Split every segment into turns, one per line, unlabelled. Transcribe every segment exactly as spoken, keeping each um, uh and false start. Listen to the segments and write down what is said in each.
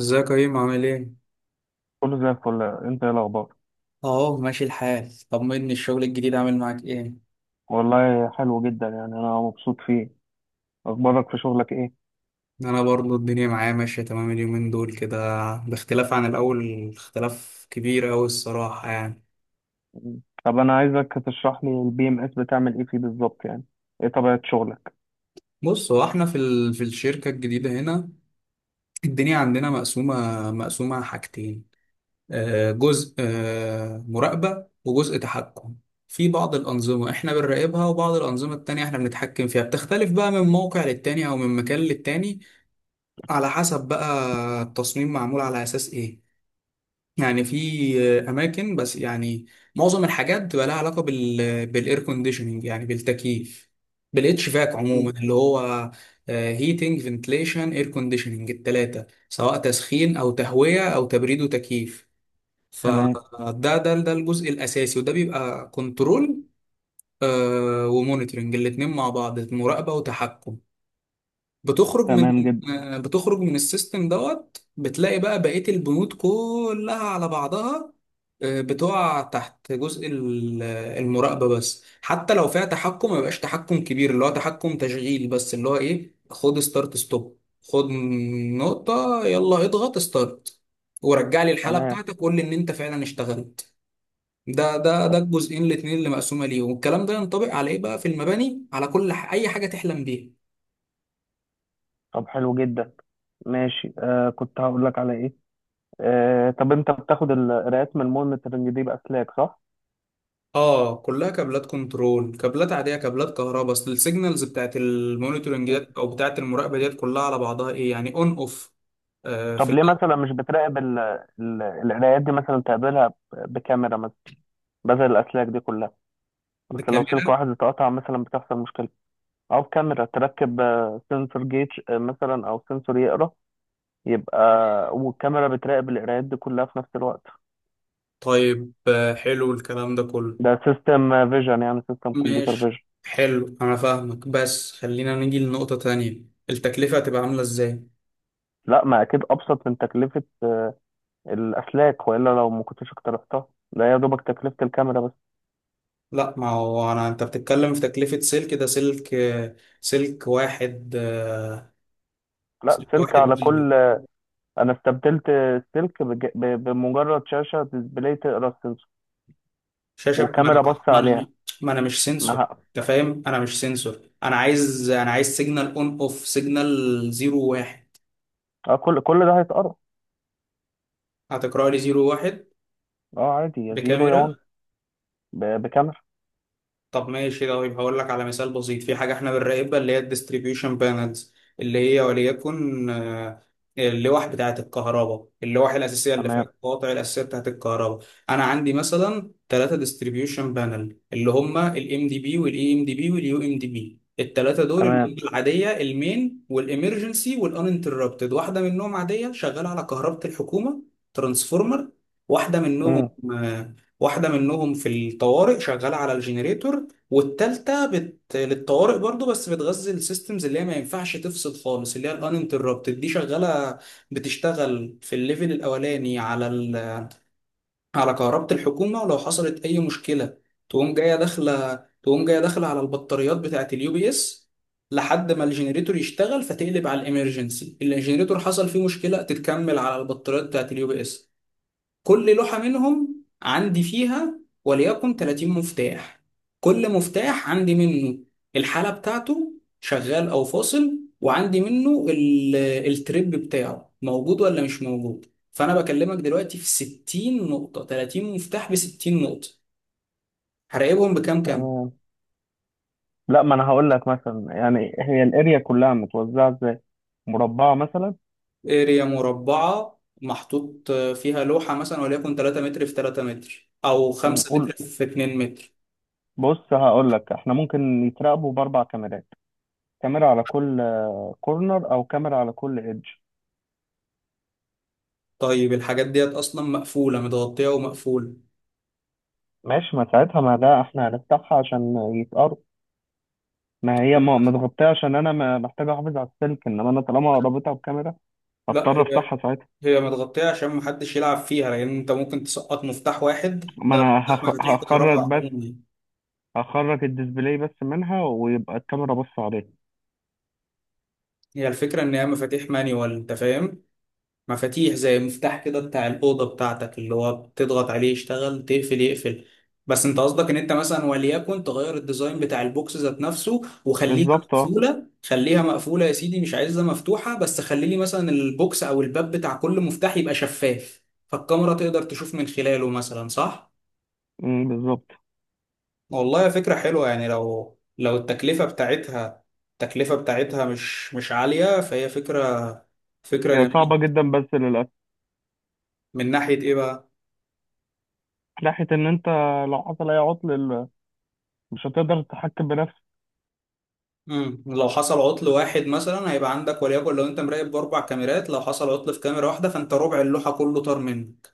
ازيك يا كريم عامل ايه؟
كله زي الفل. انت ايه الاخبار؟
اهو ماشي الحال، طمني الشغل الجديد عامل معاك ايه؟
والله حلو جدا يعني انا مبسوط فيه. اخبارك في شغلك ايه؟
انا برضو الدنيا معايا ماشية تمام اليومين دول كده، باختلاف عن الاول اختلاف كبير اوي الصراحة يعني.
مم. طب انا عايزك تشرح لي البي ام اس بتعمل ايه فيه بالظبط يعني. ايه طبيعة شغلك؟
بص هو احنا في ال... في الشركة الجديدة هنا الدنيا عندنا مقسومة مقسومة حاجتين، آه، جزء آه، مراقبة وجزء تحكم. في بعض الأنظمة احنا بنراقبها وبعض الأنظمة التانية احنا بنتحكم فيها، بتختلف بقى من موقع للتاني او من مكان للتاني على حسب بقى التصميم معمول على أساس إيه. يعني في أماكن، بس يعني معظم الحاجات بتبقى لها علاقة بال بالإير كونديشننج، يعني بالتكييف، بالاتش فاك عموما،
مم.
اللي هو هيتنج فنتليشن اير كونديشننج، التلاتة سواء تسخين أو تهوية أو تبريد وتكييف.
تمام.
فده ده ده ده الجزء الأساسي، وده بيبقى كنترول ومونيتورنج، الاتنين مع بعض مراقبة وتحكم. بتخرج من
تمام جدا.
آه، بتخرج من السيستم دوت بتلاقي بقى بقية البنود كلها على بعضها آه، بتقع تحت جزء ال- آه، المراقبة بس، حتى لو فيها تحكم ما يبقاش تحكم كبير، اللي هو تحكم تشغيل بس، اللي هو ايه، خد ستارت ستوب، خد نقطة، يلا اضغط ستارت، ورجع لي الحالة
تمام.
بتاعتك، قول لي ان انت فعلا اشتغلت. ده ده ده
طب
الجزئين الاتنين اللي مقسومة ليه، والكلام ده ينطبق على ايه بقى في المباني على كل ح- اي حاجة تحلم بيها.
طب حلو جدا. ماشي، آه كنت هقول لك على ايه. آه طب انت بتاخد القراءات من المونيتورنج دي باسلاك، صح؟
اه كلها كابلات كنترول، كابلات عاديه، كابلات كهرباء، اصل السيجنالز بتاعت المونيتورنج
مم.
ديت او بتاعت المراقبه ديت كلها على بعضها ايه؟ يعني اون اوف. آه، في
طب ليه
الاول.
مثلا مش بتراقب ال- ال- القراءات دي، مثلا تقابلها ب- بكاميرا مثلا بدل الاسلاك دي كلها؟ اصل لو سلك
بالكاميرا؟
واحد اتقطع مثلا بتحصل مشكلة. او كاميرا تركب، سنسور جيج آه، مثلا، او سنسور يقرا يبقى، والكاميرا بتراقب القرايات دي كلها في نفس الوقت.
طيب آه، حلو الكلام ده كله.
ده سيستم فيجن، يعني سيستم كمبيوتر
ماشي،
فيجن.
حلو، انا فاهمك بس خلينا نيجي لنقطه تانية، التكلفه هتبقى عامله ازاي؟
لا، ما اكيد ابسط من تكلفه آه، الاسلاك، والا لو ما كنتش اقترحتها. ده يا دوبك تكلفه الكاميرا بس.
لا ما هو انا، انت بتتكلم في تكلفه سلك، ده سلك آه، سلك واحد آه،
لا،
سلك
سلك على
واحد.
كل آه، انا استبدلت السلك بج- ب- بمجرد شاشه ديسبلاي تقرا السنسور،
شاشه، ما انا
وكاميرا بص
ما
عليها.
انا ما أنا مش
ما
سنسور،
ه-
انت فاهم، انا مش سنسور. انا عايز انا عايز سيجنال اون اوف، سيجنال زيرو واحد.
اه، كل كل ده هيتقرا.
هتقرا لي زيرو واحد؟
اه، عادي، يا زيرو يا
بكاميرا؟
ون. ب- بكاميرا.
طب ماشي، طيب هقول لك على مثال بسيط. في حاجة احنا بنراقبها اللي هي الديستريبيوشن بانلز، اللي هي وليكن آه، اللوح بتاعة الكهرباء، اللوح الأساسية اللي فيها
تمام.
القواطع الأساسية بتاعة الكهرباء. أنا عندي مثلا ثلاثة ديستريبيوشن بانل، اللي هما ال إم دي بي وال إي إم دي بي وال يو إم دي بي، الثلاثة دول اللي
تمام.
هي العادية، المين والإمرجنسي والأنتربتد. واحدة منهم عادية شغالة على كهرباء الحكومة، ترانسفورمر. واحدة منهم آه، واحدة منهم في الطوارئ شغالة على الجنريتور، والتالتة بت... للطوارئ برضو بس بتغذي السيستمز اللي هي ما ينفعش تفصل خالص، اللي هي الانتربتد، دي شغالة، بتشتغل في الليفل الأولاني على ال... على كهربة الحكومة، ولو حصلت أي مشكلة تقوم جاية داخلة، تقوم جاية داخلة على البطاريات بتاعة اليو بي اس لحد ما الجنريتور يشتغل فتقلب على الامرجنسي. الجنريتور حصل فيه مشكلة تتكمل على البطاريات بتاعة اليو بي اس. كل لوحة منهم عندي فيها وليكن 30 مفتاح، كل مفتاح عندي منه الحالة بتاعته شغال أو فاصل، وعندي منه ال- التريب بتاعه موجود ولا مش موجود. فأنا بكلمك دلوقتي في 60 نقطة، 30 مفتاح ب 60 نقطة، هراقبهم بكام كام؟
تمام. لا، ما انا هقول لك مثلا يعني هي الاريا كلها متوزعه ازاي؟ مربعه مثلا؟
اريا مربعة محطوط فيها لوحة مثلا وليكن 3 متر في 3 متر أو
م،
5 متر
قول.
في 2 متر.
بص هقول لك، احنا ممكن يتراقبوا باربع كاميرات. كاميرا على كل كورنر، او كاميرا على كل ايدج.
طيب الحاجات ديت أصلا مقفولة، متغطية ومقفولة.
ماشي، ما ساعتها ما ده احنا هنفتحها عشان يتقرب. ما هي ما- متغطيه عشان انا ما- محتاج احافظ على السلك، انما انا طالما رابطها بكاميرا
لا،
هضطر
هي،
افتحها ساعتها.
هي متغطية عشان محدش يلعب فيها، لأن أنت ممكن تسقط مفتاح واحد،
ما
لا،
انا هخ-
مفاتيح كهرباء
هخرج بس،
عموما.
هخرج الديسبلاي بس منها ويبقى الكاميرا بص عليه.
هي الفكرة إن هي مفاتيح مانيوال، أنت فاهم، مفاتيح زي مفتاح كده بتاع الأوضة بتاعتك، اللي هو بتضغط عليه يشتغل، تقفل يقفل. بس أنت قصدك إن أنت مثلا وليكن تغير الديزاين بتاع البوكس ذات نفسه، وخليها
بالظبط، اه.
مقفولة، خليها مقفولة يا سيدي، مش عايزها مفتوحة، بس خلي لي مثلا البوكس أو الباب بتاع كل مفتاح يبقى شفاف، فالكاميرا تقدر تشوف من خلاله مثلا، صح؟
م، بالظبط.
والله فكرة حلوة يعني، لو لو التكلفة بتاعتها، التكلفة بتاعتها مش مش عالية فهي فكرة، فكرة
هي صعبة
جميلة.
جدا بس للأسف.
من ناحية ايه بقى؟
ناحية إن أنت لو حصل أي عطل ال- مش هتقدر تتحكم بنفسك.
مم. لو حصل عطل واحد مثلا هيبقى عندك، وليكن لو انت مراقب بأربع كاميرات، لو حصل عطل في كاميرا واحدة فانت ربع اللوحة كله طار منك،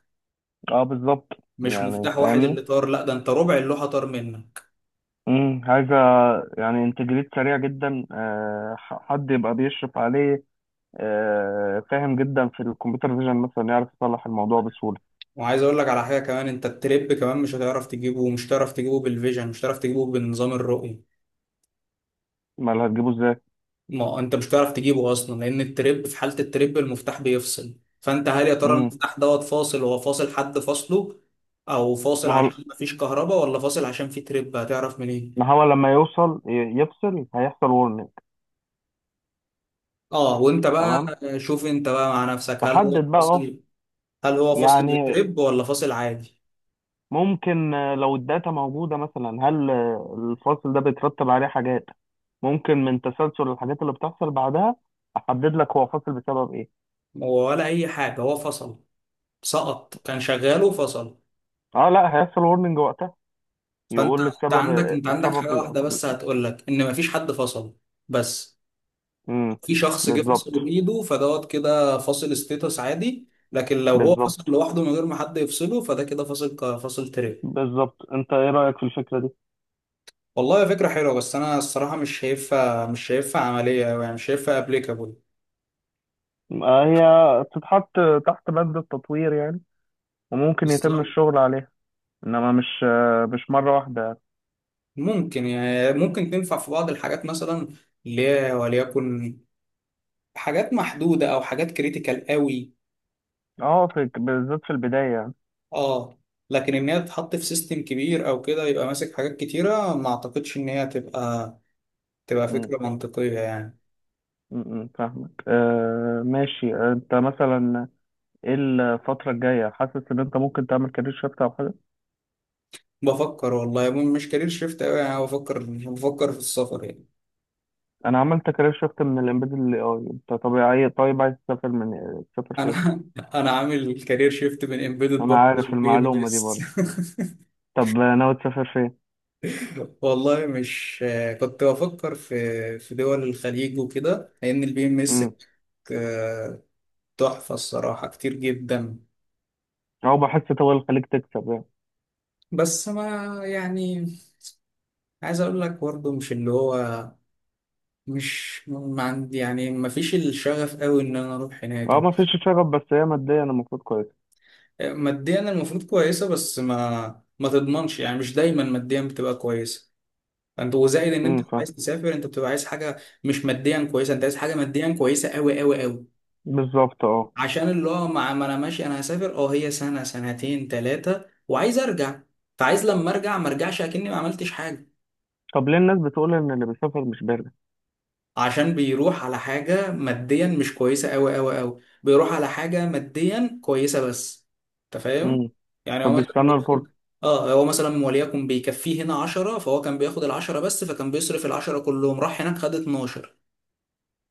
أه، بالظبط،
مش
يعني
مفتاح واحد
فاهمني.
اللي طار، لا ده انت ربع اللوحة طار منك.
امم عايزة يعني انتجريت سريع جدا. أه، ح- حد يبقى بيشرف عليه. أه، فاهم جدا في الكمبيوتر فيجن مثلا يعرف يصلح الموضوع بسهولة.
وعايز اقول لك على حاجة كمان، انت التريب كمان مش هتعرف تجيبه، مش هتعرف تجيبه بالفيجن، مش هتعرف تجيبه بنظام الرؤية.
ما اللي هتجيبه إزاي؟
ما انت مش هتعرف تجيبه اصلا، لان التريب، في حاله التريب المفتاح بيفصل، فانت هل يا ترى
امم
المفتاح دوت فاصل؟ هو فاصل، حد فاصله او فاصل
ما هو،
عشان مفيش كهرباء ولا فاصل عشان في تريب؟ هتعرف منين؟
ما هو لما يوصل ي- يفصل هيحصل ورنينج.
اه وانت بقى
تمام.
شوف انت بقى مع نفسك، هل هو
تحدد بقى.
فاصل، هل هو فاصل
يعني
للتريب ولا فاصل عادي.
ممكن، آه، لو الداتا موجودة مثلا، هل آه، الفصل ده بيترتب عليه حاجات، ممكن من تسلسل الحاجات اللي بتحصل بعدها أحدد لك هو فاصل بسبب إيه.
هو ولا اي حاجه هو فصل، سقط، كان شغال وفصل.
أه، لا، هيحصل ورنينج وقتها
فانت،
يقول
انت
السبب.
عندك انت عندك
السبب
حاجه
ال-
واحده بس هتقول لك ان مفيش حد فصل بس.
امم.
في شخص جه
بالظبط.
فصله بايده فدوت كده فاصل ستيتس عادي، لكن لو هو فصل
بالظبط.
لوحده من غير ما حد يفصله فده كده فاصل ك- فاصل ترند.
بالظبط. أنت إيه رأيك في الفكرة دي؟
والله فكرة حلوة بس أنا الصراحة مش شايفها، مش شايفها عملية أوي يعني، مش شايفها أبليكابل.
آه، هي تتحط تحت بند التطوير يعني، وممكن يتم
بالظبط.
الشغل عليها. إنما مش آه، مش مرة واحدة يعني.
ممكن يعني ممكن تنفع في بعض الحاجات مثلا، اللي هي وليكن حاجات محدودة أو حاجات كريتيكال قوي.
أه، في بالذات في البداية يعني.
أه. لكن إن هي تتحط في سيستم كبير أو كده يبقى ماسك حاجات كتيرة، ما أعتقدش إن هي تبقى، تبقى فكرة منطقية يعني.
م- م، فاهمك. آه، ماشي. انت مثلا ايه الفترة الجاية، حاسس ان انت ممكن تعمل كارير شيفت او حاجة؟
بفكر والله يا ابني، مش كارير شيفت قوي يعني، بفكر بفكر في السفر يعني.
انا عملت كارير شيفت من الامبيدد للاي اي، انت طبيعي. طيب عايز تسافر من، تسافر فين؟
انا انا عامل كارير شيفت من امبيدد
انا
برضه
عارف
للبي ام
المعلومة دي
اس.
برضه. طب ناوي تسافر فين؟
والله مش، كنت بفكر في في دول الخليج وكده لان البي ام اس
امم.
تحفه الصراحه كتير جدا.
او بحس طول الخليج تكسب يعني.
بس ما يعني، عايز اقول لك برضه، مش اللي هو، مش ما عندي يعني، ما فيش الشغف قوي ان انا اروح هناك.
اه، ما فيش شغف بس هي ماديا المفروض كويسة.
ماديا المفروض كويسه، بس ما ما تضمنش يعني، مش دايما ماديا بتبقى كويسه. انت وزائد ان انت
امم. فاهم.
عايز تسافر انت بتبقى عايز حاجه، مش ماديا كويسه، انت عايز حاجه ماديا كويسه قوي قوي قوي،
بالظبط، اه.
عشان اللي هو مع ما انا ماشي انا هسافر، اه هي سنه سنتين ثلاثه وعايز ارجع، فعايز لما ارجع ما ارجعش اكني ما عملتش حاجه.
طب ليه الناس بتقول ان اللي بيسافر مش بارد؟
عشان بيروح على حاجة ماديا مش كويسة أوي أوي أوي، بيروح على حاجة ماديا كويسة بس، أنت فاهم؟
امم.
يعني هو مثلا
فبيستنى
بياخد،
الفرصة.
اه هو مثلا وليكن بيكفيه هنا عشرة، فهو كان بياخد العشرة بس، فكان بيصرف العشرة كلهم، راح هناك خد اتناشر،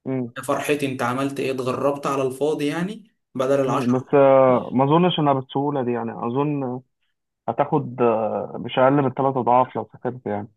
امم.
يا فرحتي، انت عملت ايه؟ اتغربت على الفاضي يعني بدل العشرة.
بس آه، ما اظنش انها بالسهولة دي يعني، اظن هتاخد آه، مش اقل من ثلاث اضعاف لو سافرت يعني.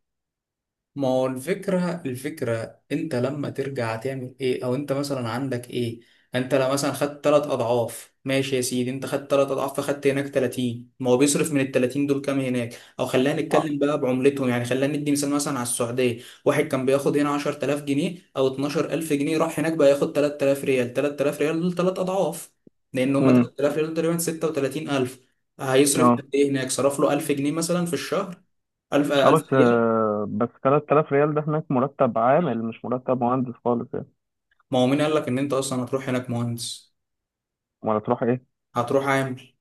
ما هو الفكرة، الفكرة انت لما ترجع تعمل ايه، او انت مثلا عندك ايه؟ انت لو مثلا خدت تلات اضعاف ماشي يا سيدي، انت خدت تلات اضعاف فخدت هناك ثلاثين، ما هو بيصرف من ال ثلاثين دول كام هناك؟ او خلينا
آه.
نتكلم بقى بعملتهم يعني، خلينا ندي مثال مثلا على السعودية. واحد كان بياخد هنا عشر تلاف جنيه او اتناشر ألف جنيه، راح هناك بقى ياخد تلات تلاف ريال، تلات تلاف ريال دول تلات اضعاف، لان هم
امم.
تلات تلاف ريال دول تقريبا ستة وتلاتين ألف. هيصرف
اه.
قد ايه هناك؟ صرف له ألف جنيه مثلا في الشهر، ألف،
اه. بس
ألف ريال.
آه، بس ثلاثة آلاف ريال ده هناك مرتب عامل، مش مرتب مهندس خالص يعني.
ما هو مين قال لك ان انت اصلا هتروح هناك مهندس؟
ولا تروح ايه؟
هتروح عامل.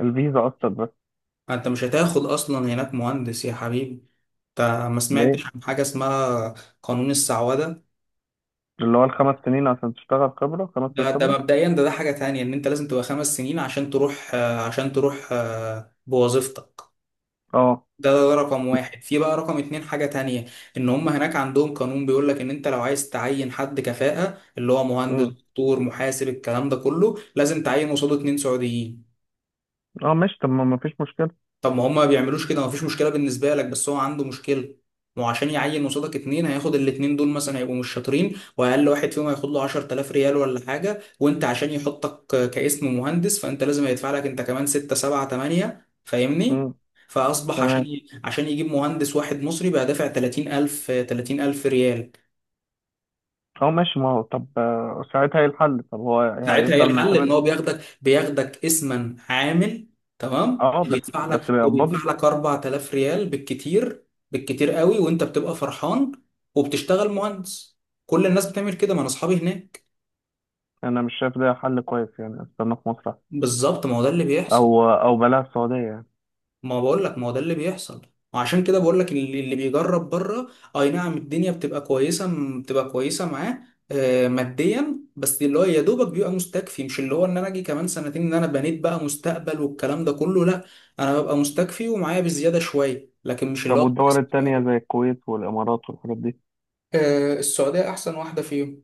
الفيزا اصلا بس؟
انت مش هتاخد اصلا هناك مهندس يا حبيبي. انت ما سمعتش
ليه؟
عن حاجه اسمها قانون السعوده؟
اللي هو الخمس سنين عشان تشتغل خبرة. خمس سنين
ده ده
خبرة؟
مبدئيا، ده ده حاجه تانية، ان انت لازم تبقى خمس سنين عشان تروح آه، عشان تروح آه، بوظيفتك.
اه.
ده, ده رقم واحد. في بقى رقم اتنين حاجة تانية، ان هم هناك عندهم قانون بيقول لك ان انت لو عايز تعين حد كفاءة اللي هو مهندس
امم.
دكتور محاسب الكلام ده كله، لازم تعين قصاده اتنين سعوديين.
اه، ماشي. طب ما ما فيش مشكلة.
طب ما هما ما بيعملوش كده مفيش مشكله بالنسبه لك، بس هو عنده مشكله. ما هو عشان يعين قصادك اتنين هياخد الاتنين دول مثلا، هيبقوا مش شاطرين، واقل واحد فيهم هياخد له عشر تلاف ريال ولا حاجه، وانت عشان يحطك كاسم مهندس فانت لازم هيدفع لك انت كمان ستة سبعة تمنية، فاهمني؟
امم.
فاصبح
تمام.
عشان ي... عشان يجيب مهندس واحد مصري بقى دافع تلاتين ألف، تلاتين ألف ريال.
اه، ماشي. ما هو طب آه، ساعتها ايه الحل؟ طب هو
ساعتها ايه
هيفضل
الحل؟ ان
معتمد؟
هو بياخدك، بياخدك اسما عامل، تمام،
اه، بس.
وبيدفع
بس
لك، وبيدفع
بيقبضني.
لك أربعة آلاف ريال بالكتير، بالكتير قوي، وانت بتبقى فرحان وبتشتغل مهندس، كل الناس بتعمل كده، ما انا اصحابي هناك.
انا مش شايف ده حل كويس يعني، استنى في مصر أحسن.
بالظبط، ما هو ده اللي بيحصل.
او او بلاها السعودية يعني.
ما بقول لك ما هو ده اللي بيحصل، وعشان كده بقول لك اللي اللي بيجرب بره، اي نعم الدنيا بتبقى كويسه م- بتبقى كويسه معاه آه، ماديا بس، اللي هو يا دوبك بيبقى مستكفي، مش اللي هو ان انا اجي كمان سنتين ان انا بنيت بقى مستقبل والكلام ده كله، لا، انا ببقى مستكفي ومعايا بزياده شويه لكن مش اللي
طب
هو
والدول
كويس بقى.
التانية زي الكويت والإمارات والحاجات دي،
آه، السعوديه احسن واحده فيهم.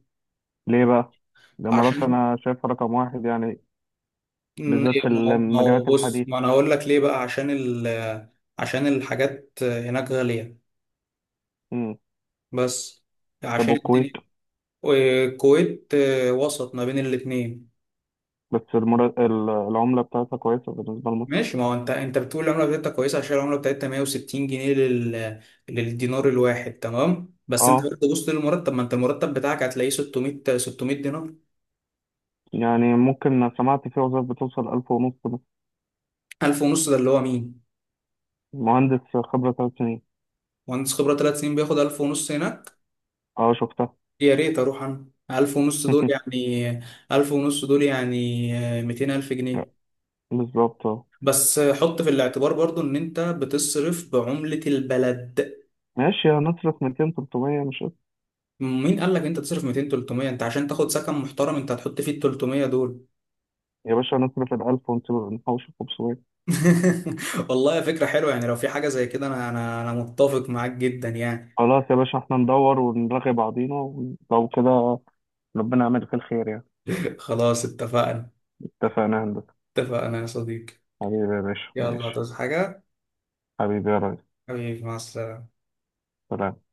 ليه بقى؟ الإمارات
عشان
أنا شايفها رقم واحد يعني،
م-
بالذات في
ما هو ما هو
المجالات
بص
الحديثة.
ما انا هقول لك ليه بقى، عشان ال عشان الحاجات هناك غاليه
مم.
بس،
طب
عشان
والكويت؟
الدنيا. والكويت آه، وسط ما بين الاتنين.
بس المر... ال- العملة بتاعتها كويسة بالنسبة لمصر.
ماشي، ما هو انت انت بتقول العمله بتاعتها كويسه عشان العمله بتاعتها مية وستين جنيه لل... للدينار الواحد، تمام، بس انت
اه،
برضه بص للمرتب، ما انت المرتب بتاعك هتلاقيه ستمئة، ستمية دينار.
يعني ممكن سمعت في وظائف بتوصل ألف ونص مثلاً.
ألف ونص ده اللي هو مين؟
مهندس خبرة ثلاث سنين.
مهندس خبره ثلاث سنين بياخد ألف ونص هناك؟
اه، شفتها.
يا ريت اروح انا. ألف ونص دول يعني، ألف ونص دول يعني آه، 200000
لا،
جنيه
بالظبط، اه.
بس آه، حط في الاعتبار برضو ان انت بتصرف بعمله البلد.
ماشي، هنصرف ميتين تلت ميه مش قصة.
مين قال لك انت تصرف ميتين، تلتمية؟ انت عشان تاخد سكن محترم انت هتحط فيه ال تلتمية دول.
يا باشا، هنصرف ال ألف ونحوش خمس ميه.
والله فكرة حلوة يعني لو في حاجة زي كده، انا انا انا متفق معاك جدا يعني.
خلاص يا باشا، احنا ندور ونرغي بعضينا ولو كده. ربنا يعملك الخير يا.
خلاص اتفقنا.
اتفقنا يا هندسة.
اتفقنا يا صديقي.
حبيبي يا باشا،
يلا
ماشي.
تصحى حاجة.
حبيبي يا ريس.
حبيبي مع السلامة.
سلام.